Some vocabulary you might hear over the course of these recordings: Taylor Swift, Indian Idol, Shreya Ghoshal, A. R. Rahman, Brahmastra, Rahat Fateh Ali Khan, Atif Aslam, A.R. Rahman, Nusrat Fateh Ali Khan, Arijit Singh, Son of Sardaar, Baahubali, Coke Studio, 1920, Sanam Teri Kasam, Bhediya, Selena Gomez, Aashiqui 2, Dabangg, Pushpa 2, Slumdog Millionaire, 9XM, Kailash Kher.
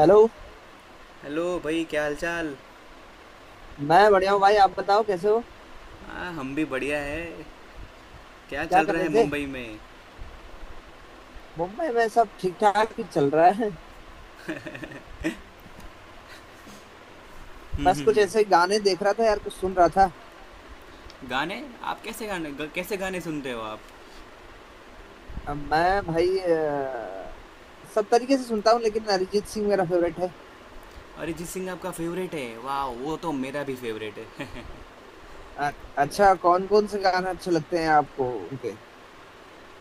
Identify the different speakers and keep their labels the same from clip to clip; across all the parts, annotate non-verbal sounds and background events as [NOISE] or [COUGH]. Speaker 1: Hello.
Speaker 2: Hello भाई, क्या हालचाल।
Speaker 1: मैं बढ़िया हूँ भाई, आप बताओ कैसे हो,
Speaker 2: हाँ, हम भी बढ़िया है। क्या
Speaker 1: क्या
Speaker 2: चल
Speaker 1: कर
Speaker 2: रहा है
Speaker 1: रहे थे।
Speaker 2: मुंबई में।
Speaker 1: मुंबई में सब ठीक ठाक ही चल रहा है।
Speaker 2: हम्म
Speaker 1: बस
Speaker 2: हम्म
Speaker 1: कुछ
Speaker 2: हम्म।
Speaker 1: ऐसे गाने देख रहा था यार, कुछ सुन रहा था।
Speaker 2: गाने। आप कैसे गाने ग, कैसे गाने सुनते हो आप।
Speaker 1: मैं भाई सब तरीके से सुनता हूँ लेकिन अरिजीत सिंह मेरा फेवरेट है।
Speaker 2: अरिजीत सिंह आपका फेवरेट है। वाह, वो तो मेरा भी फेवरेट है। [LAUGHS]
Speaker 1: अ, अच्छा,
Speaker 2: लाइक।
Speaker 1: कौन कौन से गाने अच्छे लगते हैं आपको उनके।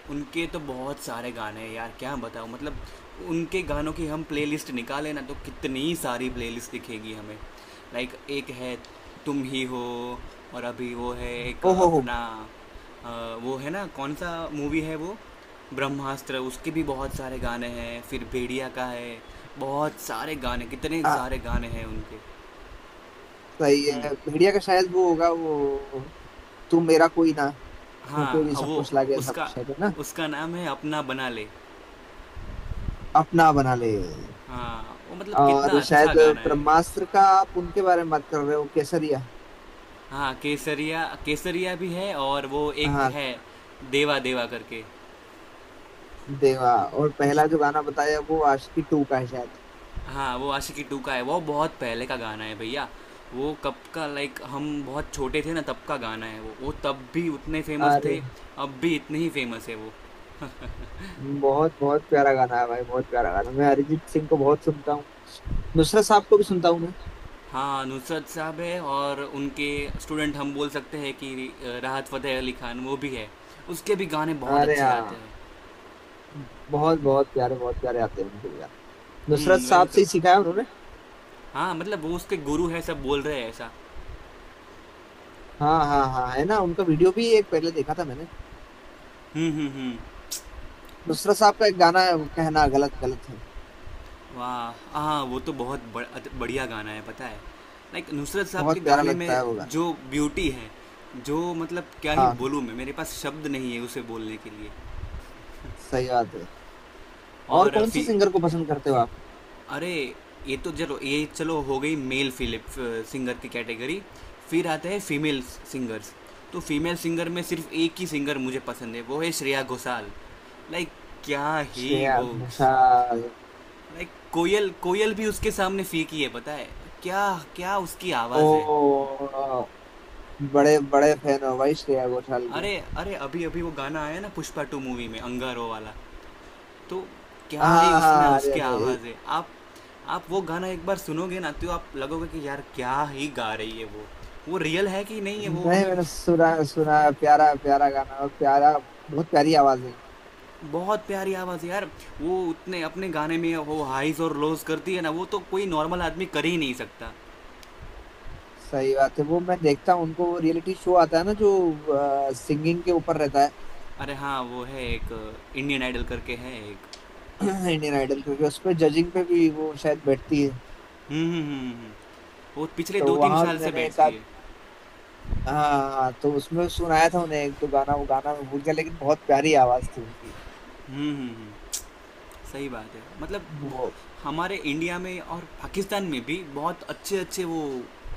Speaker 2: उनके तो बहुत सारे गाने हैं यार, क्या बताऊँ मतलब। उनके गानों की हम प्लेलिस्ट निकालें ना, तो कितनी सारी प्लेलिस्ट दिखेगी हमें। लाइक, एक है। तुम ही हो। और अभी वो है एक
Speaker 1: ओहो हो।
Speaker 2: अपना। अ, वो है ना, कौन सा मूवी है वो। ब्रह्मास्त्र, उसके भी बहुत सारे गाने हैं। फिर भेड़िया का है। बहुत सारे गाने, कितने
Speaker 1: हाँ,
Speaker 2: सारे गाने हैं उनके।
Speaker 1: सही
Speaker 2: हम्म।
Speaker 1: है, भेड़िया का शायद वो होगा वो। तू मेरा कोई ना होके
Speaker 2: हाँ,
Speaker 1: भी सब
Speaker 2: वो।
Speaker 1: कुछ लागे सब
Speaker 2: उसका।
Speaker 1: कुछ, है ना।
Speaker 2: उसका नाम है अपना बना ले।
Speaker 1: अपना बना ले।
Speaker 2: हाँ वो, मतलब कितना
Speaker 1: और
Speaker 2: अच्छा
Speaker 1: शायद
Speaker 2: गाना है।
Speaker 1: ब्रह्मास्त्र का, आप उनके बारे में बात कर रहे हो, केसरिया।
Speaker 2: हाँ, केसरिया, केसरिया भी है और वो एक
Speaker 1: हाँ,
Speaker 2: है। देवा देवा करके।
Speaker 1: देवा। और पहला जो गाना बताया वो आशिकी टू का है शायद।
Speaker 2: हाँ, वो आशिकी टू का है। वो बहुत पहले का गाना है भैया। वो कब का, लाइक हम बहुत छोटे थे ना, तब का गाना है वो तब भी उतने फेमस थे।
Speaker 1: अरे,
Speaker 2: अब भी इतने ही फेमस है वो।
Speaker 1: बहुत बहुत प्यारा गाना है भाई, बहुत प्यारा गाना। मैं अरिजीत सिंह को बहुत सुनता हूँ, नुसरत साहब को भी सुनता हूँ मैं।
Speaker 2: हाँ, नुसरत साहब है और उनके स्टूडेंट हम बोल सकते हैं कि राहत फ़तेह अली खान वो भी है। उसके भी गाने बहुत
Speaker 1: अरे
Speaker 2: अच्छे आते
Speaker 1: हाँ,
Speaker 2: हैं।
Speaker 1: बहुत बहुत प्यारे आते हैं उनके भी गाने। नुसरत
Speaker 2: हम्म, वही
Speaker 1: साहब से
Speaker 2: तो।
Speaker 1: ही सीखा है उन्होंने।
Speaker 2: हाँ, मतलब वो उसके गुरु है, सब बोल रहे हैं ऐसा।
Speaker 1: हाँ हाँ हाँ, है ना, उनका वीडियो भी एक पहले देखा था मैंने।
Speaker 2: हम्म।
Speaker 1: नुसरत साहब का एक गाना है, वो कहना गलत गलत है।
Speaker 2: वाह, हाँ, वो तो बहुत बढ़िया गाना है, पता है। लाइक, नुसरत साहब के
Speaker 1: बहुत प्यारा
Speaker 2: गाने
Speaker 1: लगता
Speaker 2: में
Speaker 1: है वो गाना।
Speaker 2: जो ब्यूटी है, जो मतलब क्या ही
Speaker 1: हाँ हाँ,
Speaker 2: बोलूँ मैं। मेरे पास शब्द नहीं है उसे बोलने के लिए।
Speaker 1: सही बात है। और
Speaker 2: और
Speaker 1: कौन से
Speaker 2: फिर।
Speaker 1: सिंगर को पसंद करते हो आप।
Speaker 2: अरे। ये तो चलो, ये चलो, हो गई मेल फिलिप सिंगर की कैटेगरी। फिर आते हैं फीमेल सिंगर्स। तो फीमेल सिंगर में सिर्फ एक ही सिंगर मुझे पसंद है, वो है श्रेया घोषाल। लाइक। क्या ही
Speaker 1: श्रेया
Speaker 2: वो।
Speaker 1: घोषाल।
Speaker 2: लाइक, कोयल कोयल भी उसके सामने फीकी है, पता है। क्या। क्या उसकी
Speaker 1: ओ,
Speaker 2: आवाज़ है।
Speaker 1: बड़े बड़े फैन हो भाई श्रेया घोषाल के।
Speaker 2: अरे अरे, अभी अभी वो गाना आया ना पुष्पा टू मूवी में, अंगारो वाला। तो क्या ही
Speaker 1: हाँ
Speaker 2: उसमें
Speaker 1: हाँ, अरे
Speaker 2: उसकी
Speaker 1: अरे
Speaker 2: आवाज़ है, आप। आप वो गाना एक बार सुनोगे ना, तो आप लगोगे कि यार क्या ही गा रही है वो। वो रियल है कि नहीं है वो,
Speaker 1: नहीं,
Speaker 2: हमें।
Speaker 1: मैंने सुना सुना है, प्यारा प्यारा गाना और प्यारा। बहुत प्यारी आवाज है।
Speaker 2: बहुत प्यारी आवाज़ है यार। वो उतने अपने गाने में वो हाइज और लोज करती है ना, वो तो कोई नॉर्मल आदमी कर ही नहीं सकता।
Speaker 1: सही बात है, वो मैं देखता हूँ उनको, वो रियलिटी शो आता है ना, जो सिंगिंग के ऊपर रहता
Speaker 2: अरे हाँ, वो है एक इंडियन आइडल करके है एक।
Speaker 1: है [CLEARS THROAT] इंडियन आइडल, क्योंकि उसमें जजिंग पे भी वो शायद बैठती है।
Speaker 2: हम्म। वो पिछले
Speaker 1: तो
Speaker 2: दो तीन
Speaker 1: वहां भी
Speaker 2: साल से
Speaker 1: मैंने एक
Speaker 2: बैठती
Speaker 1: आध।
Speaker 2: है।
Speaker 1: हाँ हाँ, तो उसमें सुनाया था उन्हें एक दो गाना, वो गाना मैं भूल गया लेकिन बहुत प्यारी आवाज थी उनकी।
Speaker 2: हम्म हम्म। सही बात है, मतलब।
Speaker 1: वो
Speaker 2: हमारे इंडिया में और पाकिस्तान में भी बहुत अच्छे अच्छे वो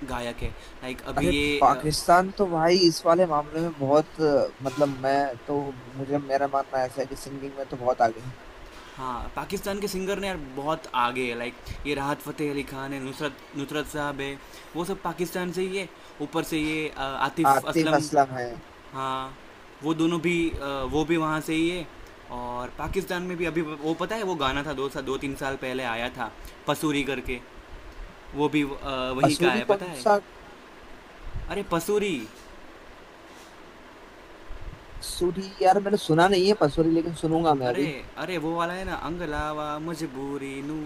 Speaker 2: गायक है। लाइक, अभी
Speaker 1: अरे,
Speaker 2: ये।
Speaker 1: पाकिस्तान तो भाई इस वाले मामले में बहुत मतलब, मैं तो, मुझे, मेरा मानना ऐसा है कि सिंगिंग में तो बहुत आगे है।
Speaker 2: हाँ, पाकिस्तान के सिंगर ने यार बहुत आगे है, लाइक। ये राहत फ़तेह अली खान है, नुसरत नुसरत साहब है। वो सब पाकिस्तान से ही है। ऊपर से ये आतिफ
Speaker 1: आतिफ
Speaker 2: असलम।
Speaker 1: असलम है।
Speaker 2: हाँ। वो दोनों भी। वो भी वहाँ से ही है। और पाकिस्तान में भी अभी वो, पता है, वो गाना था 2-3 साल पहले आया था पसूरी करके। वो भी वहीं का
Speaker 1: पसूरी
Speaker 2: है, पता
Speaker 1: कौन
Speaker 2: है।
Speaker 1: सा।
Speaker 2: अरे पसूरी।
Speaker 1: सूरी यार मैंने सुना नहीं है पसूरी, लेकिन सुनूंगा मैं
Speaker 2: अरे
Speaker 1: अभी।
Speaker 2: अरे, वो वाला है ना, अंग लावा मजबूरी नू,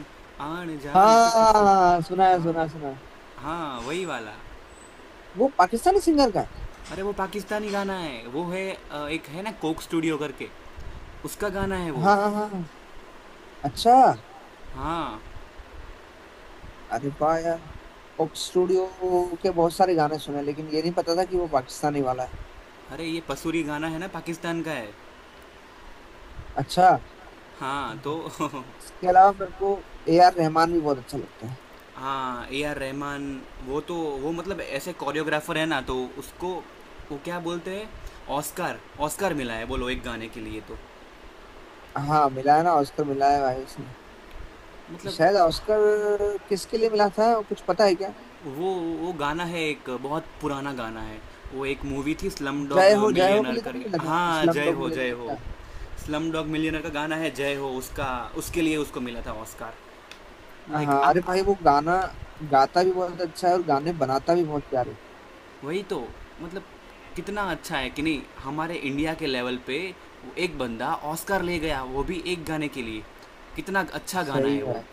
Speaker 2: आन जान ते पसू।
Speaker 1: हाँ, सुना है
Speaker 2: हाँ,
Speaker 1: सुना है, सुना है।
Speaker 2: हाँ वही वाला।
Speaker 1: वो पाकिस्तानी सिंगर का है?
Speaker 2: अरे, वो पाकिस्तानी गाना है, वो है एक है ना कोक स्टूडियो करके, उसका गाना है वो।
Speaker 1: हाँ हाँ हाँ हाँ। अच्छा।
Speaker 2: हाँ।
Speaker 1: अरे वाह यार, कोक स्टूडियो के बहुत सारे गाने सुने लेकिन ये नहीं पता था कि वो पाकिस्तानी वाला है।
Speaker 2: अरे ये पसूरी गाना है ना, पाकिस्तान का है।
Speaker 1: अच्छा।
Speaker 2: हाँ तो। [LAUGHS]
Speaker 1: इसके अलावा मेरे को ए आर रहमान भी बहुत अच्छा लगता है।
Speaker 2: हाँ, ए आर रहमान, वो तो, वो मतलब ऐसे कोरियोग्राफर है ना, तो उसको वो क्या बोलते हैं, ऑस्कार, ऑस्कार मिला है बोलो, एक गाने के लिए तो।
Speaker 1: हाँ, मिला है ना, ऑस्कर मिला है भाई उसने।
Speaker 2: मतलब।
Speaker 1: शायद ऑस्कर किसके लिए मिला था, कुछ पता है क्या।
Speaker 2: वो वो गाना है, एक बहुत पुराना गाना है। वो एक मूवी थी स्लम डॉग
Speaker 1: जय हो, जय हो के
Speaker 2: मिलियनर
Speaker 1: लिए तो
Speaker 2: कर
Speaker 1: नहीं मिला था,
Speaker 2: हाँ
Speaker 1: slum
Speaker 2: Jai
Speaker 1: dog
Speaker 2: Ho, Jai
Speaker 1: millionaire
Speaker 2: Ho.
Speaker 1: का।
Speaker 2: स्लम डॉग मिलियनर का गाना है जय हो, उसका। उसके लिए उसको मिला था ऑस्कार। लाइक,
Speaker 1: हाँ
Speaker 2: आप,
Speaker 1: अरे भाई, वो गाना गाता भी बहुत अच्छा है और गाने बनाता भी बहुत प्यारे हैं।
Speaker 2: वही तो, मतलब कितना अच्छा है कि नहीं, हमारे इंडिया के लेवल पे वो एक बंदा ऑस्कर ले गया, वो भी एक गाने के लिए। कितना अच्छा गाना
Speaker 1: सही
Speaker 2: है
Speaker 1: है
Speaker 2: वो।
Speaker 1: भाई,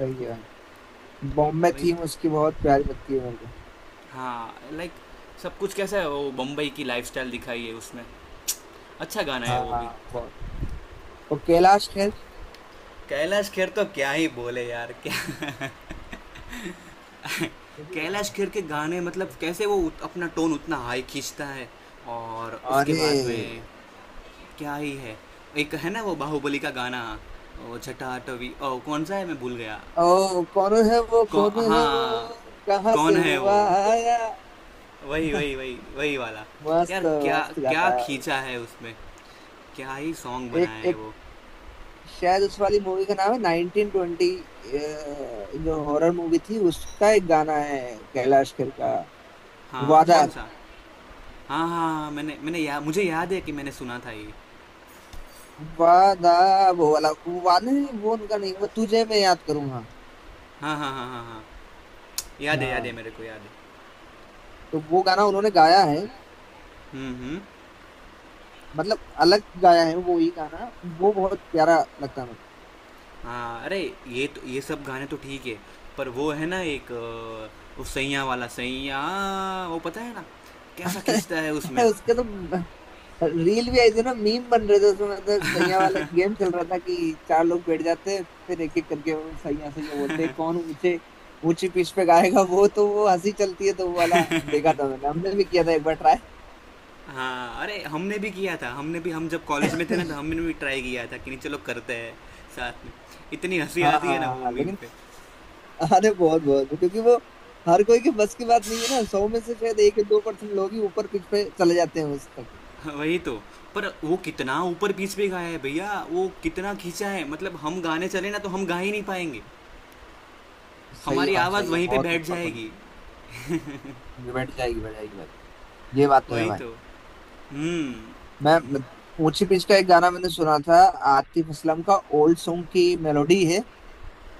Speaker 1: सही है भाई। बॉम्बे
Speaker 2: वही
Speaker 1: थीम
Speaker 2: तो।
Speaker 1: उसकी बहुत प्यारी लगती है मेरे को।
Speaker 2: हाँ, लाइक, सब कुछ कैसा है, वो बम्बई की लाइफस्टाइल दिखाई है उसमें। अच्छा गाना है
Speaker 1: हाँ
Speaker 2: वो भी।
Speaker 1: हाँ, बहुत। वो कैलाश खेर।
Speaker 2: कैलाश खेर तो क्या ही बोले यार, क्या। [LAUGHS] कैलाश खेर के गाने, मतलब कैसे वो अपना टोन उतना हाई खींचता है, और उसके
Speaker 1: अरे,
Speaker 2: बाद में क्या ही है। एक है ना वो बाहुबली का गाना। ओ छठा आठवी, ओ कौन सा है, मैं भूल गया।
Speaker 1: ओ कौन है वो, कौन है वो,
Speaker 2: हाँ,
Speaker 1: कहाँ
Speaker 2: कौन
Speaker 1: से
Speaker 2: है वो,
Speaker 1: हुआ आया।
Speaker 2: वही
Speaker 1: [LAUGHS]
Speaker 2: वही वही वही वाला। यार
Speaker 1: मस्त,
Speaker 2: क्या,
Speaker 1: मस्त
Speaker 2: क्या
Speaker 1: गाता है।
Speaker 2: खींचा है उसमें, क्या ही सॉन्ग
Speaker 1: एक
Speaker 2: बनाया है
Speaker 1: एक,
Speaker 2: वो।
Speaker 1: शायद उस वाली मूवी का नाम है 1920, जो हॉरर मूवी थी, उसका एक गाना है कैलाश खेर का।
Speaker 2: हाँ,
Speaker 1: वादा।
Speaker 2: कौन सा। हाँ हाँ हाँ, मैंने मैंने या, मुझे याद है कि मैंने सुना था ये।
Speaker 1: वादा, वो वाला, वो वादा नहीं, वो उनका नहीं, वो तुझे मैं याद करूंगा।
Speaker 2: हाँ हाँ हाँ हाँ हाँ। याद है, याद है
Speaker 1: हाँ,
Speaker 2: मेरे को, याद है।
Speaker 1: तो वो गाना उन्होंने गाया है।
Speaker 2: हम्म।
Speaker 1: मतलब अलग गाया है वो ही गाना, वो बहुत प्यारा लगता है मेरे
Speaker 2: हाँ अरे, ये सब गाने तो ठीक है। पर वो है ना एक उस सैया वाला सैया, वो पता है ना, कैसा खींचता है उसमें।
Speaker 1: को। [LAUGHS] उसके तो रील भी आई थी ना, मीम बन रहे थे, उसमें मतलब सैया वाला गेम चल रहा था कि चार लोग बैठ जाते हैं, फिर एक एक करके वो सैया सैया बोलते हैं, कौन ऊंचे ऊंची पिच पे गाएगा। वो तो वो हंसी चलती है, तो वो वाला देखा था मैंने, हमने भी किया था एक बार ट्राई।
Speaker 2: हाँ अरे, हमने भी किया था, हमने भी। हम जब कॉलेज
Speaker 1: [LAUGHS]
Speaker 2: में थे ना, तो हमने भी ट्राई किया था कि नहीं चलो करते हैं साथ में। इतनी हंसी
Speaker 1: हाँ
Speaker 2: आती
Speaker 1: हाँ।
Speaker 2: है ना वो
Speaker 1: हाँ,
Speaker 2: मीम
Speaker 1: लेकिन
Speaker 2: पे।
Speaker 1: अरे, बहुत बहुत, क्योंकि वो हर कोई के बस की बात नहीं है ना, 100 में से शायद 1 या 2% लोग ही ऊपर पिच पे चले जाते हैं उस तक।
Speaker 2: हाँ, वही तो। पर वो कितना ऊपर पीच पे गाया है भैया, वो कितना खींचा है, मतलब हम गाने चले ना, तो हम गा ही नहीं पाएंगे।
Speaker 1: सही है
Speaker 2: हमारी
Speaker 1: भाई,
Speaker 2: आवाज़
Speaker 1: सही है,
Speaker 2: वहीं पे
Speaker 1: बहुत
Speaker 2: बैठ
Speaker 1: ऊपर बन
Speaker 2: जाएगी।
Speaker 1: गई। बैठ जाएगी, बैठ जाएगी भाई। ये बात तो है
Speaker 2: वही
Speaker 1: भाई।
Speaker 2: तो। हम्म
Speaker 1: मैं मैं- ऊंची पिच का एक गाना मैंने सुना था, आतिफ असलम का। ओल्ड सॉन्ग की मेलोडी है,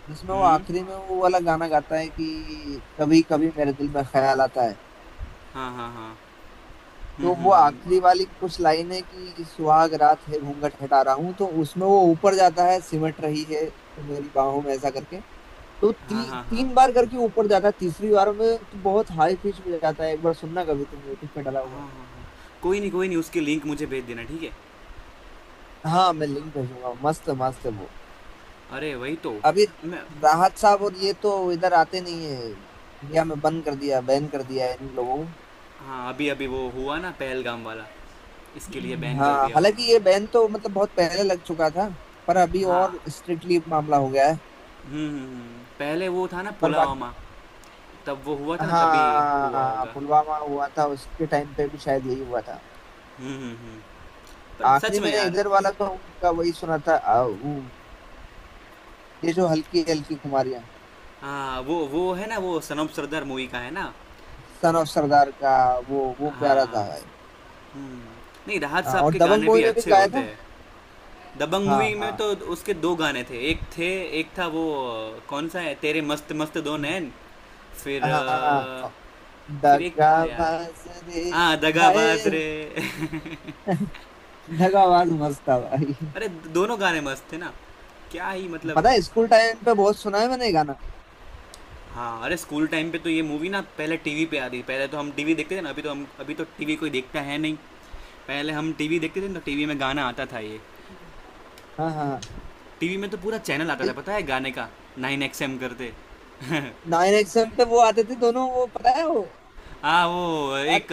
Speaker 1: जिसमें वो
Speaker 2: हम्म।
Speaker 1: आखिरी में वो वाला गाना गाता है कि कभी कभी मेरे दिल में ख्याल आता है।
Speaker 2: हाँ हाँ हाँ। हुँ,
Speaker 1: तो
Speaker 2: हुँ,
Speaker 1: वो
Speaker 2: हुँ।
Speaker 1: आखिरी वाली कुछ लाइन है कि सुहाग रात है घूंघट हटा रहा हूँ, तो उसमें वो ऊपर जाता है, सिमट रही है तो मेरी बाहों में, ऐसा करके। तो
Speaker 2: हाँ,
Speaker 1: ती,
Speaker 2: हाँ, हाँ।
Speaker 1: तीन बार करके ऊपर जाता है, तीसरी बार में तो बहुत हाई पिच में जाता है। एक बार सुनना कभी, तुम यूट्यूब पे डाला
Speaker 2: हाँ,
Speaker 1: हुआ
Speaker 2: हाँ,
Speaker 1: है।
Speaker 2: हाँ। कोई नहीं, कोई नहीं, उसकी लिंक मुझे भेज देना, ठीक है?
Speaker 1: हाँ, मैं लिंक भेजूंगा, मस्त मस्त है वो।
Speaker 2: अरे, वही तो,
Speaker 1: अभी
Speaker 2: मैं।
Speaker 1: राहत साहब और ये तो इधर आते नहीं है, इंडिया में बंद कर दिया, बैन कर दिया है इन लोगों
Speaker 2: हाँ, अभी-अभी वो हुआ ना पहलगाम वाला, इसके लिए
Speaker 1: को।
Speaker 2: बैन कर
Speaker 1: हाँ,
Speaker 2: दिया
Speaker 1: हालांकि
Speaker 2: होगा।
Speaker 1: ये बैन तो मतलब बहुत पहले लग चुका था, पर अभी
Speaker 2: हाँ।
Speaker 1: और स्ट्रिक्टली मामला हो गया है।
Speaker 2: हुँ, हुँ, हुँ। पहले वो था ना
Speaker 1: पर बाकी
Speaker 2: पुलवामा, तब वो हुआ था ना तभी हुआ
Speaker 1: हाँ,
Speaker 2: होगा।
Speaker 1: पुलवामा हुआ था, उसके टाइम पे भी शायद यही हुआ था।
Speaker 2: हुँ, हुँ, हुँ। पर सच
Speaker 1: आखिरी
Speaker 2: में
Speaker 1: मैंने
Speaker 2: यार।
Speaker 1: इधर वाला तो उनका वही सुना था वो, ये जो हल्की हल्की खुमारियाँ।
Speaker 2: हाँ, वो है ना वो सनम सरदार मूवी का है ना?
Speaker 1: सन ऑफ सरदार का। वो प्यारा
Speaker 2: हाँ।
Speaker 1: था भाई।
Speaker 2: हुँ। नहीं, राहत
Speaker 1: हाँ,
Speaker 2: साहब
Speaker 1: और
Speaker 2: के
Speaker 1: दबंग
Speaker 2: गाने भी
Speaker 1: मूवी में भी
Speaker 2: अच्छे
Speaker 1: गाया
Speaker 2: होते
Speaker 1: था।
Speaker 2: हैं। दबंग
Speaker 1: हाँ
Speaker 2: मूवी में तो
Speaker 1: हाँ
Speaker 2: उसके दो गाने थे, एक थे, एक था वो कौन सा है, तेरे मस्त मस्त दो नैन। फिर।
Speaker 1: हाँ,
Speaker 2: फिर एक था यार,
Speaker 1: दगाबाज रे।
Speaker 2: हाँ
Speaker 1: हाय,
Speaker 2: दगाबाज रे। [LAUGHS]
Speaker 1: दगाबाज मस्त था भाई।
Speaker 2: अरे, दोनों गाने मस्त थे ना, क्या ही मतलब।
Speaker 1: पता है, स्कूल टाइम पे बहुत सुना है मैंने ये गाना।
Speaker 2: हाँ अरे, स्कूल टाइम पे तो ये मूवी ना पहले टीवी पे आती थी। पहले तो हम टीवी देखते थे ना, अभी तो टीवी कोई देखता है नहीं। पहले हम टीवी देखते थे ना, तो टीवी में गाना आता था ये।
Speaker 1: हाँ हाँ।
Speaker 2: टीवी में तो पूरा चैनल आता था पता है, गाने का, 9XM करते। [LAUGHS]
Speaker 1: 9XM पे वो आते थे दोनों, वो पता है वो।
Speaker 2: हाँ, वो एक
Speaker 1: अरे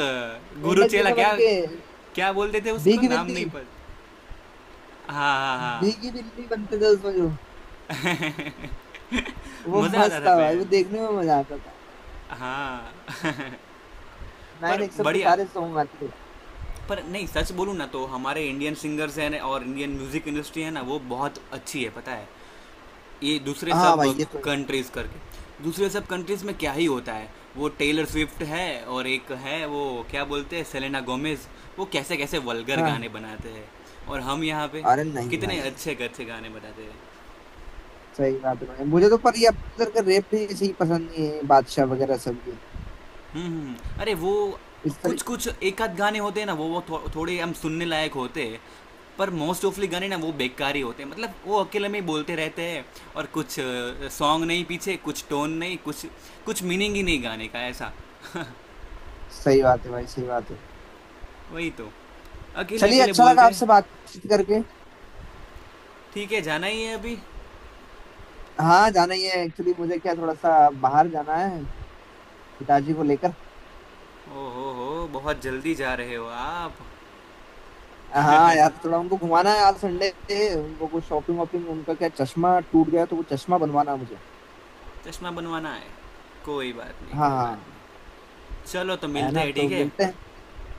Speaker 2: गुरु
Speaker 1: मेंढक
Speaker 2: चेला
Speaker 1: जैसा बन
Speaker 2: क्या,
Speaker 1: के।
Speaker 2: क्या बोलते थे उसको,
Speaker 1: भीगी
Speaker 2: नाम नहीं
Speaker 1: बिल्ली।
Speaker 2: पता। हाँ हाँ हाँ।
Speaker 1: भीगी बिल्ली बनते थे उसमें जो।
Speaker 2: [LAUGHS]
Speaker 1: वो
Speaker 2: मज़ा आता
Speaker 1: मस्त
Speaker 2: था
Speaker 1: था भाई, वो
Speaker 2: पहले।
Speaker 1: देखने में मजा आता था।
Speaker 2: हाँ। [LAUGHS]
Speaker 1: नाइन
Speaker 2: पर
Speaker 1: एक्सएम पे
Speaker 2: बढ़िया,
Speaker 1: सारे सॉन्ग आते थे।
Speaker 2: पर नहीं, सच बोलूँ ना, तो हमारे इंडियन सिंगर्स हैं ना और इंडियन म्यूज़िक इंडस्ट्री है ना, वो बहुत अच्छी है, पता है। ये दूसरे
Speaker 1: हाँ
Speaker 2: सब
Speaker 1: भाई, ये तो है।
Speaker 2: कंट्रीज करके, दूसरे सब कंट्रीज में क्या ही होता है। वो टेलर स्विफ्ट है और एक है वो, क्या बोलते हैं, सेलेना गोमेज। वो कैसे कैसे वल्गर
Speaker 1: हाँ।
Speaker 2: गाने बनाते हैं, और हम यहाँ पे
Speaker 1: अरे नहीं
Speaker 2: कितने
Speaker 1: भाई।
Speaker 2: अच्छे अच्छे गाने बनाते हैं।
Speaker 1: सही बात है भाई, मुझे तो पर ये अब तक का रेप भी सही पसंद नहीं है, बादशाह वगैरह सब के
Speaker 2: अरे वो
Speaker 1: इस
Speaker 2: कुछ
Speaker 1: तरह।
Speaker 2: कुछ एक आध गाने होते हैं ना, वो थोड़े हम सुनने लायक होते हैं। पर मोस्ट ऑफली गाने ना, वो बेकार ही होते हैं, मतलब वो अकेले में ही बोलते रहते हैं। और कुछ सॉन्ग नहीं पीछे, कुछ टोन नहीं, कुछ कुछ मीनिंग ही नहीं गाने का, ऐसा।
Speaker 1: सही बात है भाई, सही बात है।
Speaker 2: वही तो, अकेले
Speaker 1: चलिए,
Speaker 2: अकेले
Speaker 1: अच्छा लगा
Speaker 2: बोलते।
Speaker 1: आपसे बातचीत करके।
Speaker 2: ठीक है, जाना ही है अभी।
Speaker 1: हाँ, जाना ही है एक्चुअली, मुझे क्या थोड़ा सा बाहर जाना है, पिताजी को लेकर।
Speaker 2: ओहो हो, बहुत जल्दी जा रहे हो आप।
Speaker 1: हाँ यार, थोड़ा उनको घुमाना है, आज संडे है, उनको कुछ शॉपिंग वॉपिंग, उनका क्या चश्मा टूट गया तो वो चश्मा बनवाना है मुझे।
Speaker 2: चश्मा बनवाना है। कोई बात नहीं,
Speaker 1: हाँ
Speaker 2: कोई
Speaker 1: हाँ।
Speaker 2: बात नहीं। चलो, तो
Speaker 1: है
Speaker 2: मिलते
Speaker 1: ना,
Speaker 2: हैं,
Speaker 1: तो
Speaker 2: ठीक है।
Speaker 1: मिलते हैं।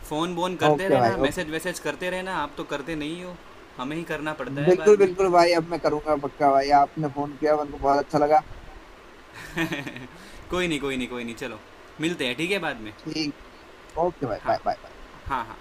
Speaker 2: फ़ोन बोन करते
Speaker 1: ओके भाई,
Speaker 2: रहना,
Speaker 1: ओके।
Speaker 2: मैसेज वैसेज करते रहना, आप तो करते नहीं हो, हमें ही करना पड़ता है बाद
Speaker 1: बिल्कुल
Speaker 2: में।
Speaker 1: बिल्कुल भाई, अब मैं करूंगा पक्का भाई, आपने फोन किया मेरे को बहुत अच्छा लगा।
Speaker 2: कोई नहीं, कोई नहीं, कोई नहीं, चलो, मिलते हैं, ठीक है, बाद में।
Speaker 1: ठीक। ओके भाई,
Speaker 2: हाँ।
Speaker 1: Bye bye bye.
Speaker 2: हाँ हाँ।